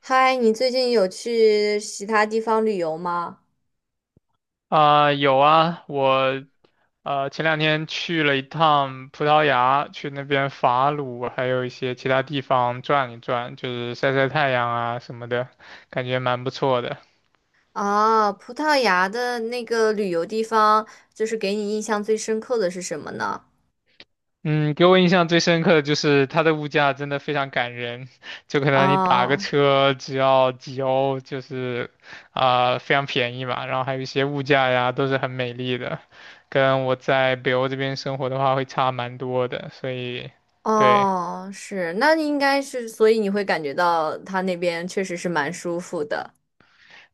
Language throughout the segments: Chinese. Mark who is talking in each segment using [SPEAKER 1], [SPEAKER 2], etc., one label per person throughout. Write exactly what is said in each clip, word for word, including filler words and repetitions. [SPEAKER 1] 嗨，你最近有去其他地方旅游吗？
[SPEAKER 2] 啊、有啊，我呃前两天去了一趟葡萄牙，去那边法鲁，还有一些其他地方转一转，就是晒晒太阳啊什么的，感觉蛮不错的。
[SPEAKER 1] 啊，葡萄牙的那个旅游地方，就是给你印象最深刻的是什么呢？
[SPEAKER 2] 嗯，给我印象最深刻的就是它的物价真的非常感人，就可能你打个
[SPEAKER 1] 哦
[SPEAKER 2] 车只要几欧，就是啊、非常便宜嘛，然后还有一些物价呀都是很美丽的，跟我在北欧这边生活的话会差蛮多的，所以对。
[SPEAKER 1] 哦，是，那你应该是，所以你会感觉到他那边确实是蛮舒服的。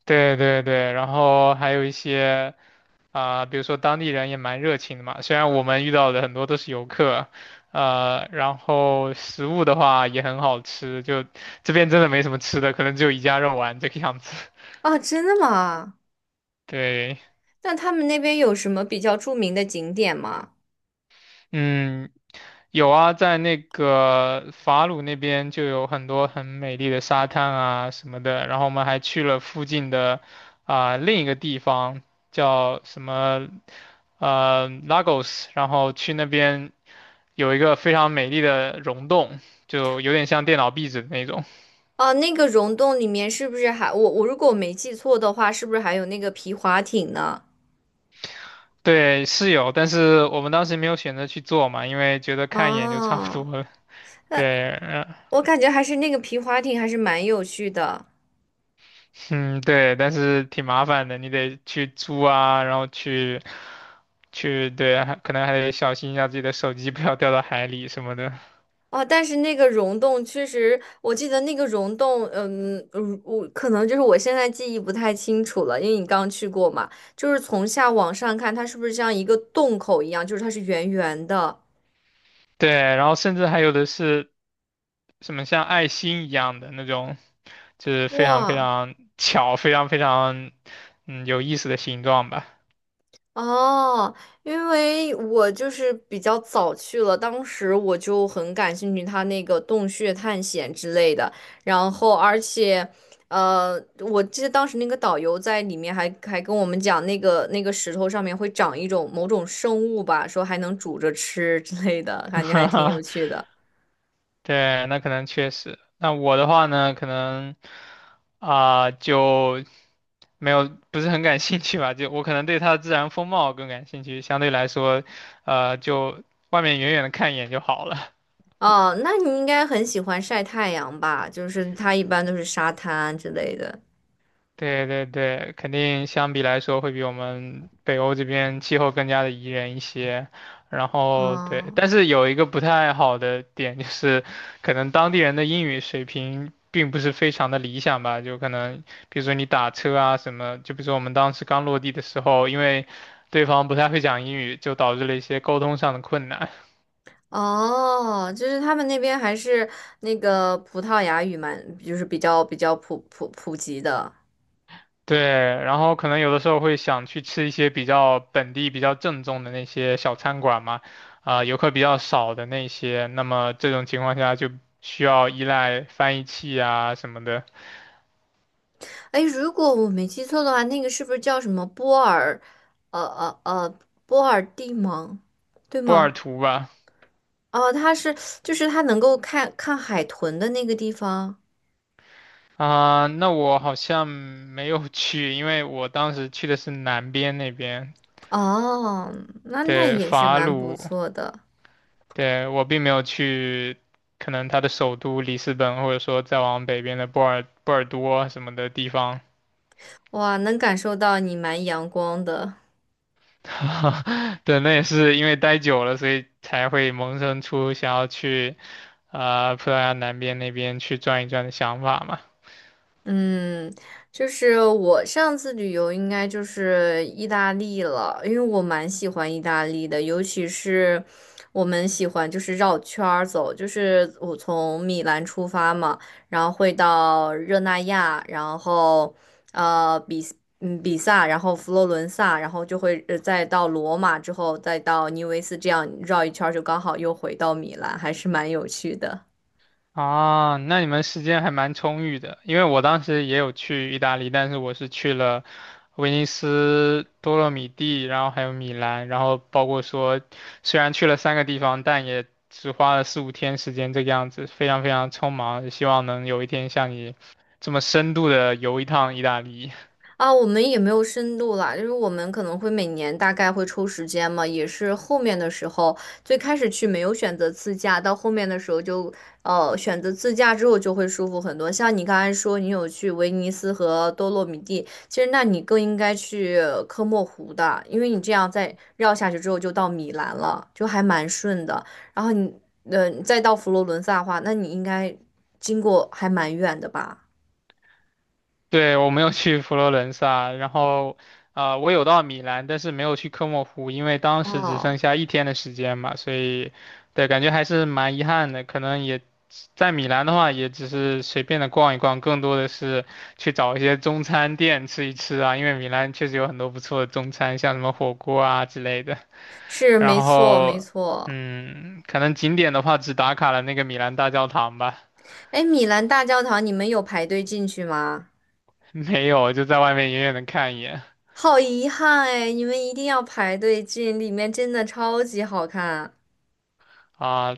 [SPEAKER 2] 对对对，然后还有一些啊、比如说当地人也蛮热情的嘛，虽然我们遇到的很多都是游客，呃，然后食物的话也很好吃，就这边真的没什么吃的，可能只有一家肉丸这个样子。
[SPEAKER 1] 啊，真的吗？
[SPEAKER 2] 对。
[SPEAKER 1] 那他们那边有什么比较著名的景点吗？
[SPEAKER 2] 嗯，有啊，在那个法鲁那边就有很多很美丽的沙滩啊什么的，然后我们还去了附近的啊、另一个地方叫什么呃 Lagos,然后去那边有一个非常美丽的溶洞，就有点像电脑壁纸的那种。
[SPEAKER 1] 哦，那个溶洞里面是不是还，我我如果我没记错的话，是不是还有那个皮划艇呢？
[SPEAKER 2] 对，是有，但是我们当时没有选择去做嘛，因为觉得看一眼就差不多
[SPEAKER 1] 哦，
[SPEAKER 2] 了。
[SPEAKER 1] 那
[SPEAKER 2] 对，嗯
[SPEAKER 1] 我感觉还是那个皮划艇还是蛮有趣的。
[SPEAKER 2] 嗯，对，但是挺麻烦的，你得去租啊，然后去去，对，还可能还得小心一下自己的手机不要掉到海里什么的。
[SPEAKER 1] 哦，但是那个溶洞确实，我记得那个溶洞，嗯，嗯我可能就是我现在记忆不太清楚了，因为你刚去过嘛，就是从下往上看，它是不是像一个洞口一样，就是它是圆圆的，
[SPEAKER 2] 对，然后甚至还有的是什么像爱心一样的那种，就是非常非
[SPEAKER 1] 哇。
[SPEAKER 2] 常巧，非常非常嗯有意思的形状吧。
[SPEAKER 1] 哦，因为我就是比较早去了，当时我就很感兴趣他那个洞穴探险之类的，然后而且，呃，我记得当时那个导游在里面还还跟我们讲，那个那个石头上面会长一种某种生物吧，说还能煮着吃之类的，感觉还挺有 趣的。
[SPEAKER 2] 对，那可能确实。那我的话呢，可能啊、就没有不是很感兴趣吧，就我可能对它的自然风貌更感兴趣，相对来说，呃，就外面远远的看一眼就好了。
[SPEAKER 1] 哦，那你应该很喜欢晒太阳吧？就是它一般都是沙滩之类的。
[SPEAKER 2] 对对对，肯定相比来说会比我们北欧这边气候更加的宜人一些。然后对，
[SPEAKER 1] 哦。
[SPEAKER 2] 但是有一个不太好的点就是，可能当地人的英语水平并不是非常的理想吧。就可能比如说你打车啊什么，就比如说我们当时刚落地的时候，因为对方不太会讲英语，就导致了一些沟通上的困难。
[SPEAKER 1] 哦，就是他们那边还是那个葡萄牙语蛮，就是比较比较普普普及的。
[SPEAKER 2] 对，然后可能有的时候会想去吃一些比较本地、比较正宗的那些小餐馆嘛，啊、游客比较少的那些，那么这种情况下就需要依赖翻译器啊什么的，
[SPEAKER 1] 哎，如果我没记错的话，那个是不是叫什么波尔，呃呃呃，波尔蒂蒙，对
[SPEAKER 2] 波
[SPEAKER 1] 吗？
[SPEAKER 2] 尔图吧。
[SPEAKER 1] 哦，它是就是它能够看看海豚的那个地方。
[SPEAKER 2] 啊、那我好像没有 去，因为我当时去的是南边那边，
[SPEAKER 1] 哦，那那
[SPEAKER 2] 对，
[SPEAKER 1] 也是
[SPEAKER 2] 法
[SPEAKER 1] 蛮不
[SPEAKER 2] 鲁，
[SPEAKER 1] 错的。
[SPEAKER 2] 对，我并没有去，可能它的首都里斯本，或者说再往北边的波尔波尔多什么的地方。
[SPEAKER 1] 哇，能感受到你蛮阳光的。
[SPEAKER 2] 对，那也是因为待久了，所以才会萌生出想要去啊、葡萄牙南边那边去转一转的想法嘛。
[SPEAKER 1] 嗯，就是我上次旅游应该就是意大利了，因为我蛮喜欢意大利的，尤其是我们喜欢就是绕圈儿走，就是我从米兰出发嘛，然后会到热那亚，然后呃比嗯比萨，然后佛罗伦萨，然后就会呃再到罗马之后再到尼维斯，这样绕一圈儿就刚好又回到米兰，还是蛮有趣的。
[SPEAKER 2] 啊，那你们时间还蛮充裕的，因为我当时也有去意大利，但是我是去了威尼斯、多洛米蒂，然后还有米兰，然后包括说虽然去了三个地方，但也只花了四五天时间这个样子，非常非常匆忙，希望能有一天像你这么深度的游一趟意大利。
[SPEAKER 1] 啊，我们也没有深度啦，就是我们可能会每年大概会抽时间嘛，也是后面的时候，最开始去没有选择自驾，到后面的时候就呃选择自驾之后就会舒服很多。像你刚才说你有去威尼斯和多洛米蒂，其实那你更应该去科莫湖的，因为你这样再绕下去之后就到米兰了，就还蛮顺的。然后你呃再到佛罗伦萨的话，那你应该经过还蛮远的吧？
[SPEAKER 2] 对，我没有去佛罗伦萨，然后啊、呃我有到米兰，但是没有去科莫湖，因为当时只
[SPEAKER 1] 哦，
[SPEAKER 2] 剩下一天的时间嘛，所以对，感觉还是蛮遗憾的。可能也在米兰的话，也只是随便的逛一逛，更多的是去找一些中餐店吃一吃啊，因为米兰确实有很多不错的中餐，像什么火锅啊之类的。
[SPEAKER 1] 是
[SPEAKER 2] 然
[SPEAKER 1] 没错没
[SPEAKER 2] 后，
[SPEAKER 1] 错。
[SPEAKER 2] 嗯，可能景点的话，只打卡了那个米兰大教堂吧，
[SPEAKER 1] 哎，米兰大教堂，你们有排队进去吗？
[SPEAKER 2] 没有，就在外面远远的看一眼。
[SPEAKER 1] 好遗憾哎，你们一定要排队进，里面真的超级好看。
[SPEAKER 2] 啊，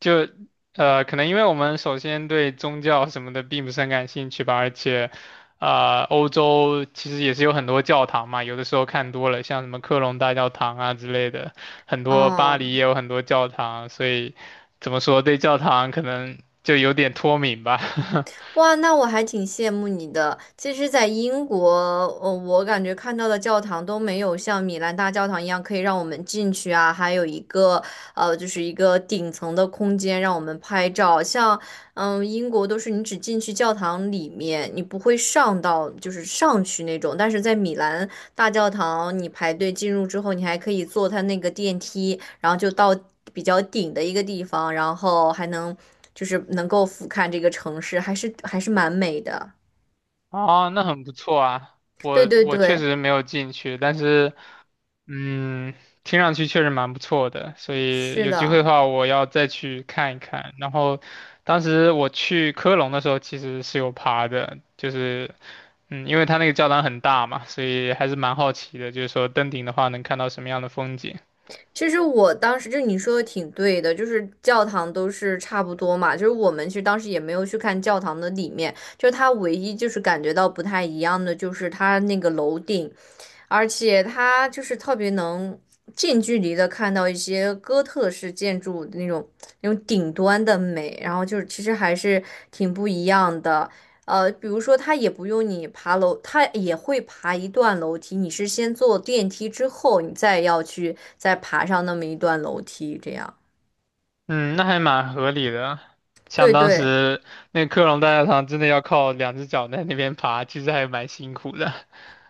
[SPEAKER 2] 就呃，可能因为我们首先对宗教什么的并不是很感兴趣吧，而且，啊，欧洲其实也是有很多教堂嘛，有的时候看多了，像什么科隆大教堂啊之类的，很多巴
[SPEAKER 1] 哦，
[SPEAKER 2] 黎也有很多教堂，所以怎么说对教堂可能就有点脱敏吧。
[SPEAKER 1] 哇，那我还挺羡慕你的。其实，在英国，呃，我感觉看到的教堂都没有像米兰大教堂一样可以让我们进去啊，还有一个，呃，就是一个顶层的空间让我们拍照。像嗯，英国都是你只进去教堂里面，你不会上到就是上去那种。但是在米兰大教堂，你排队进入之后，你还可以坐它那个电梯，然后就到比较顶的一个地方，然后还能就是能够俯瞰这个城市，还是还是蛮美的。
[SPEAKER 2] 哦，那很不错啊，
[SPEAKER 1] 对
[SPEAKER 2] 我
[SPEAKER 1] 对
[SPEAKER 2] 我确
[SPEAKER 1] 对，
[SPEAKER 2] 实没有进去，但是。嗯，听上去确实蛮不错的，所以
[SPEAKER 1] 是
[SPEAKER 2] 有机会的
[SPEAKER 1] 的。
[SPEAKER 2] 话，我要再去看一看。然后，当时我去科隆的时候，其实是有爬的，就是，嗯，因为它那个教堂很大嘛，所以还是蛮好奇的，就是说登顶的话能看到什么样的风景。
[SPEAKER 1] 其实我当时就你说的挺对的，就是教堂都是差不多嘛，就是我们其实当时也没有去看教堂的里面，就是它唯一就是感觉到不太一样的，就是它那个楼顶，而且它就是特别能近距离的看到一些哥特式建筑那种那种顶端的美，然后就是其实还是挺不一样的。呃，比如说它也不用你爬楼，它也会爬一段楼梯，你是先坐电梯之后，你再要去再爬上那么一段楼梯，这样。
[SPEAKER 2] 嗯，那还蛮合理的。像
[SPEAKER 1] 对
[SPEAKER 2] 当
[SPEAKER 1] 对。
[SPEAKER 2] 时那个科隆大教堂，真的要靠两只脚在那边爬，其实还蛮辛苦的。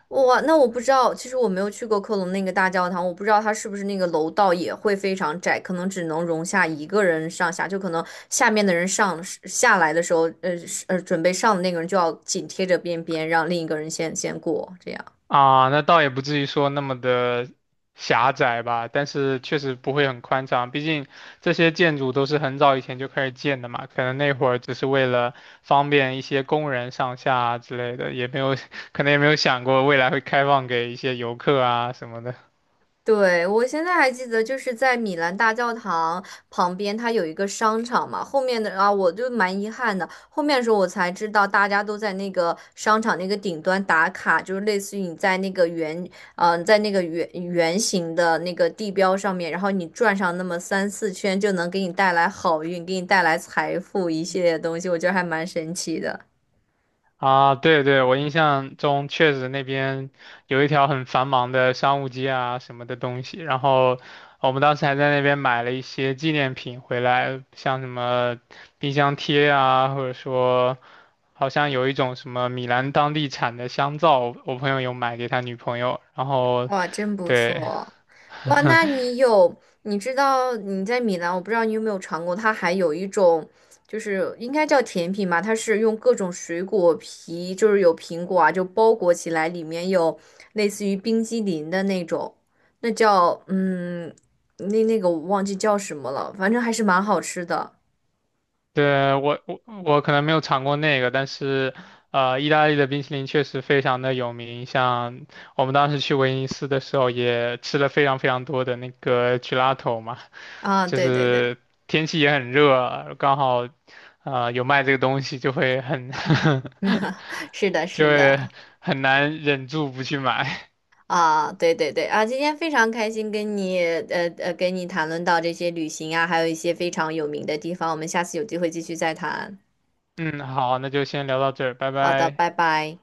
[SPEAKER 1] 哇，那我不知道，其实我没有去过科隆那个大教堂，我不知道它是不是那个楼道也会非常窄，可能只能容下一个人上下，就可能下面的人上下来的时候，呃是呃，准备上的那个人就要紧贴着边边，让另一个人先先过，这样。
[SPEAKER 2] 啊，那倒也不至于说那么的狭窄吧，但是确实不会很宽敞，毕竟这些建筑都是很早以前就开始建的嘛，可能那会儿只是为了方便一些工人上下啊之类的，也没有，可能也没有想过未来会开放给一些游客啊什么的。
[SPEAKER 1] 对，我现在还记得，就是在米兰大教堂旁边，它有一个商场嘛。后面的啊，我就蛮遗憾的，后面的时候我才知道，大家都在那个商场那个顶端打卡，就是类似于你在那个圆，嗯、在那个圆圆形的那个地标上面，然后你转上那么三四圈，就能给你带来好运，给你带来财富一系列的东西，我觉得还蛮神奇的。
[SPEAKER 2] 啊，对对，我印象中确实那边有一条很繁忙的商务街啊什么的东西，然后我们当时还在那边买了一些纪念品回来，像什么冰箱贴啊，或者说好像有一种什么米兰当地产的香皂，我朋友有买给他女朋友，然后
[SPEAKER 1] 哇，真不
[SPEAKER 2] 对。
[SPEAKER 1] 错。哇，那你有，你知道你在米兰，我不知道你有没有尝过，它还有一种，就是应该叫甜品吧，它是用各种水果皮，就是有苹果啊，就包裹起来，里面有类似于冰激凌的那种，那叫嗯，那那个我忘记叫什么了，反正还是蛮好吃的。
[SPEAKER 2] 对，我我我可能没有尝过那个，但是，呃，意大利的冰淇淋确实非常的有名。像我们当时去威尼斯的时候，也吃了非常非常多的那个 gelato 嘛，
[SPEAKER 1] 啊，
[SPEAKER 2] 就
[SPEAKER 1] 对对对，
[SPEAKER 2] 是天气也很热，刚好，呃，有卖这个东西，就会很
[SPEAKER 1] 是的，
[SPEAKER 2] 就
[SPEAKER 1] 是
[SPEAKER 2] 会
[SPEAKER 1] 的。
[SPEAKER 2] 很难忍住不去买。
[SPEAKER 1] 啊，对对对啊，今天非常开心跟你呃呃跟你谈论到这些旅行啊，还有一些非常有名的地方，我们下次有机会继续再谈。
[SPEAKER 2] 嗯，好，那就先聊到这儿，拜
[SPEAKER 1] 好的，
[SPEAKER 2] 拜。
[SPEAKER 1] 拜拜。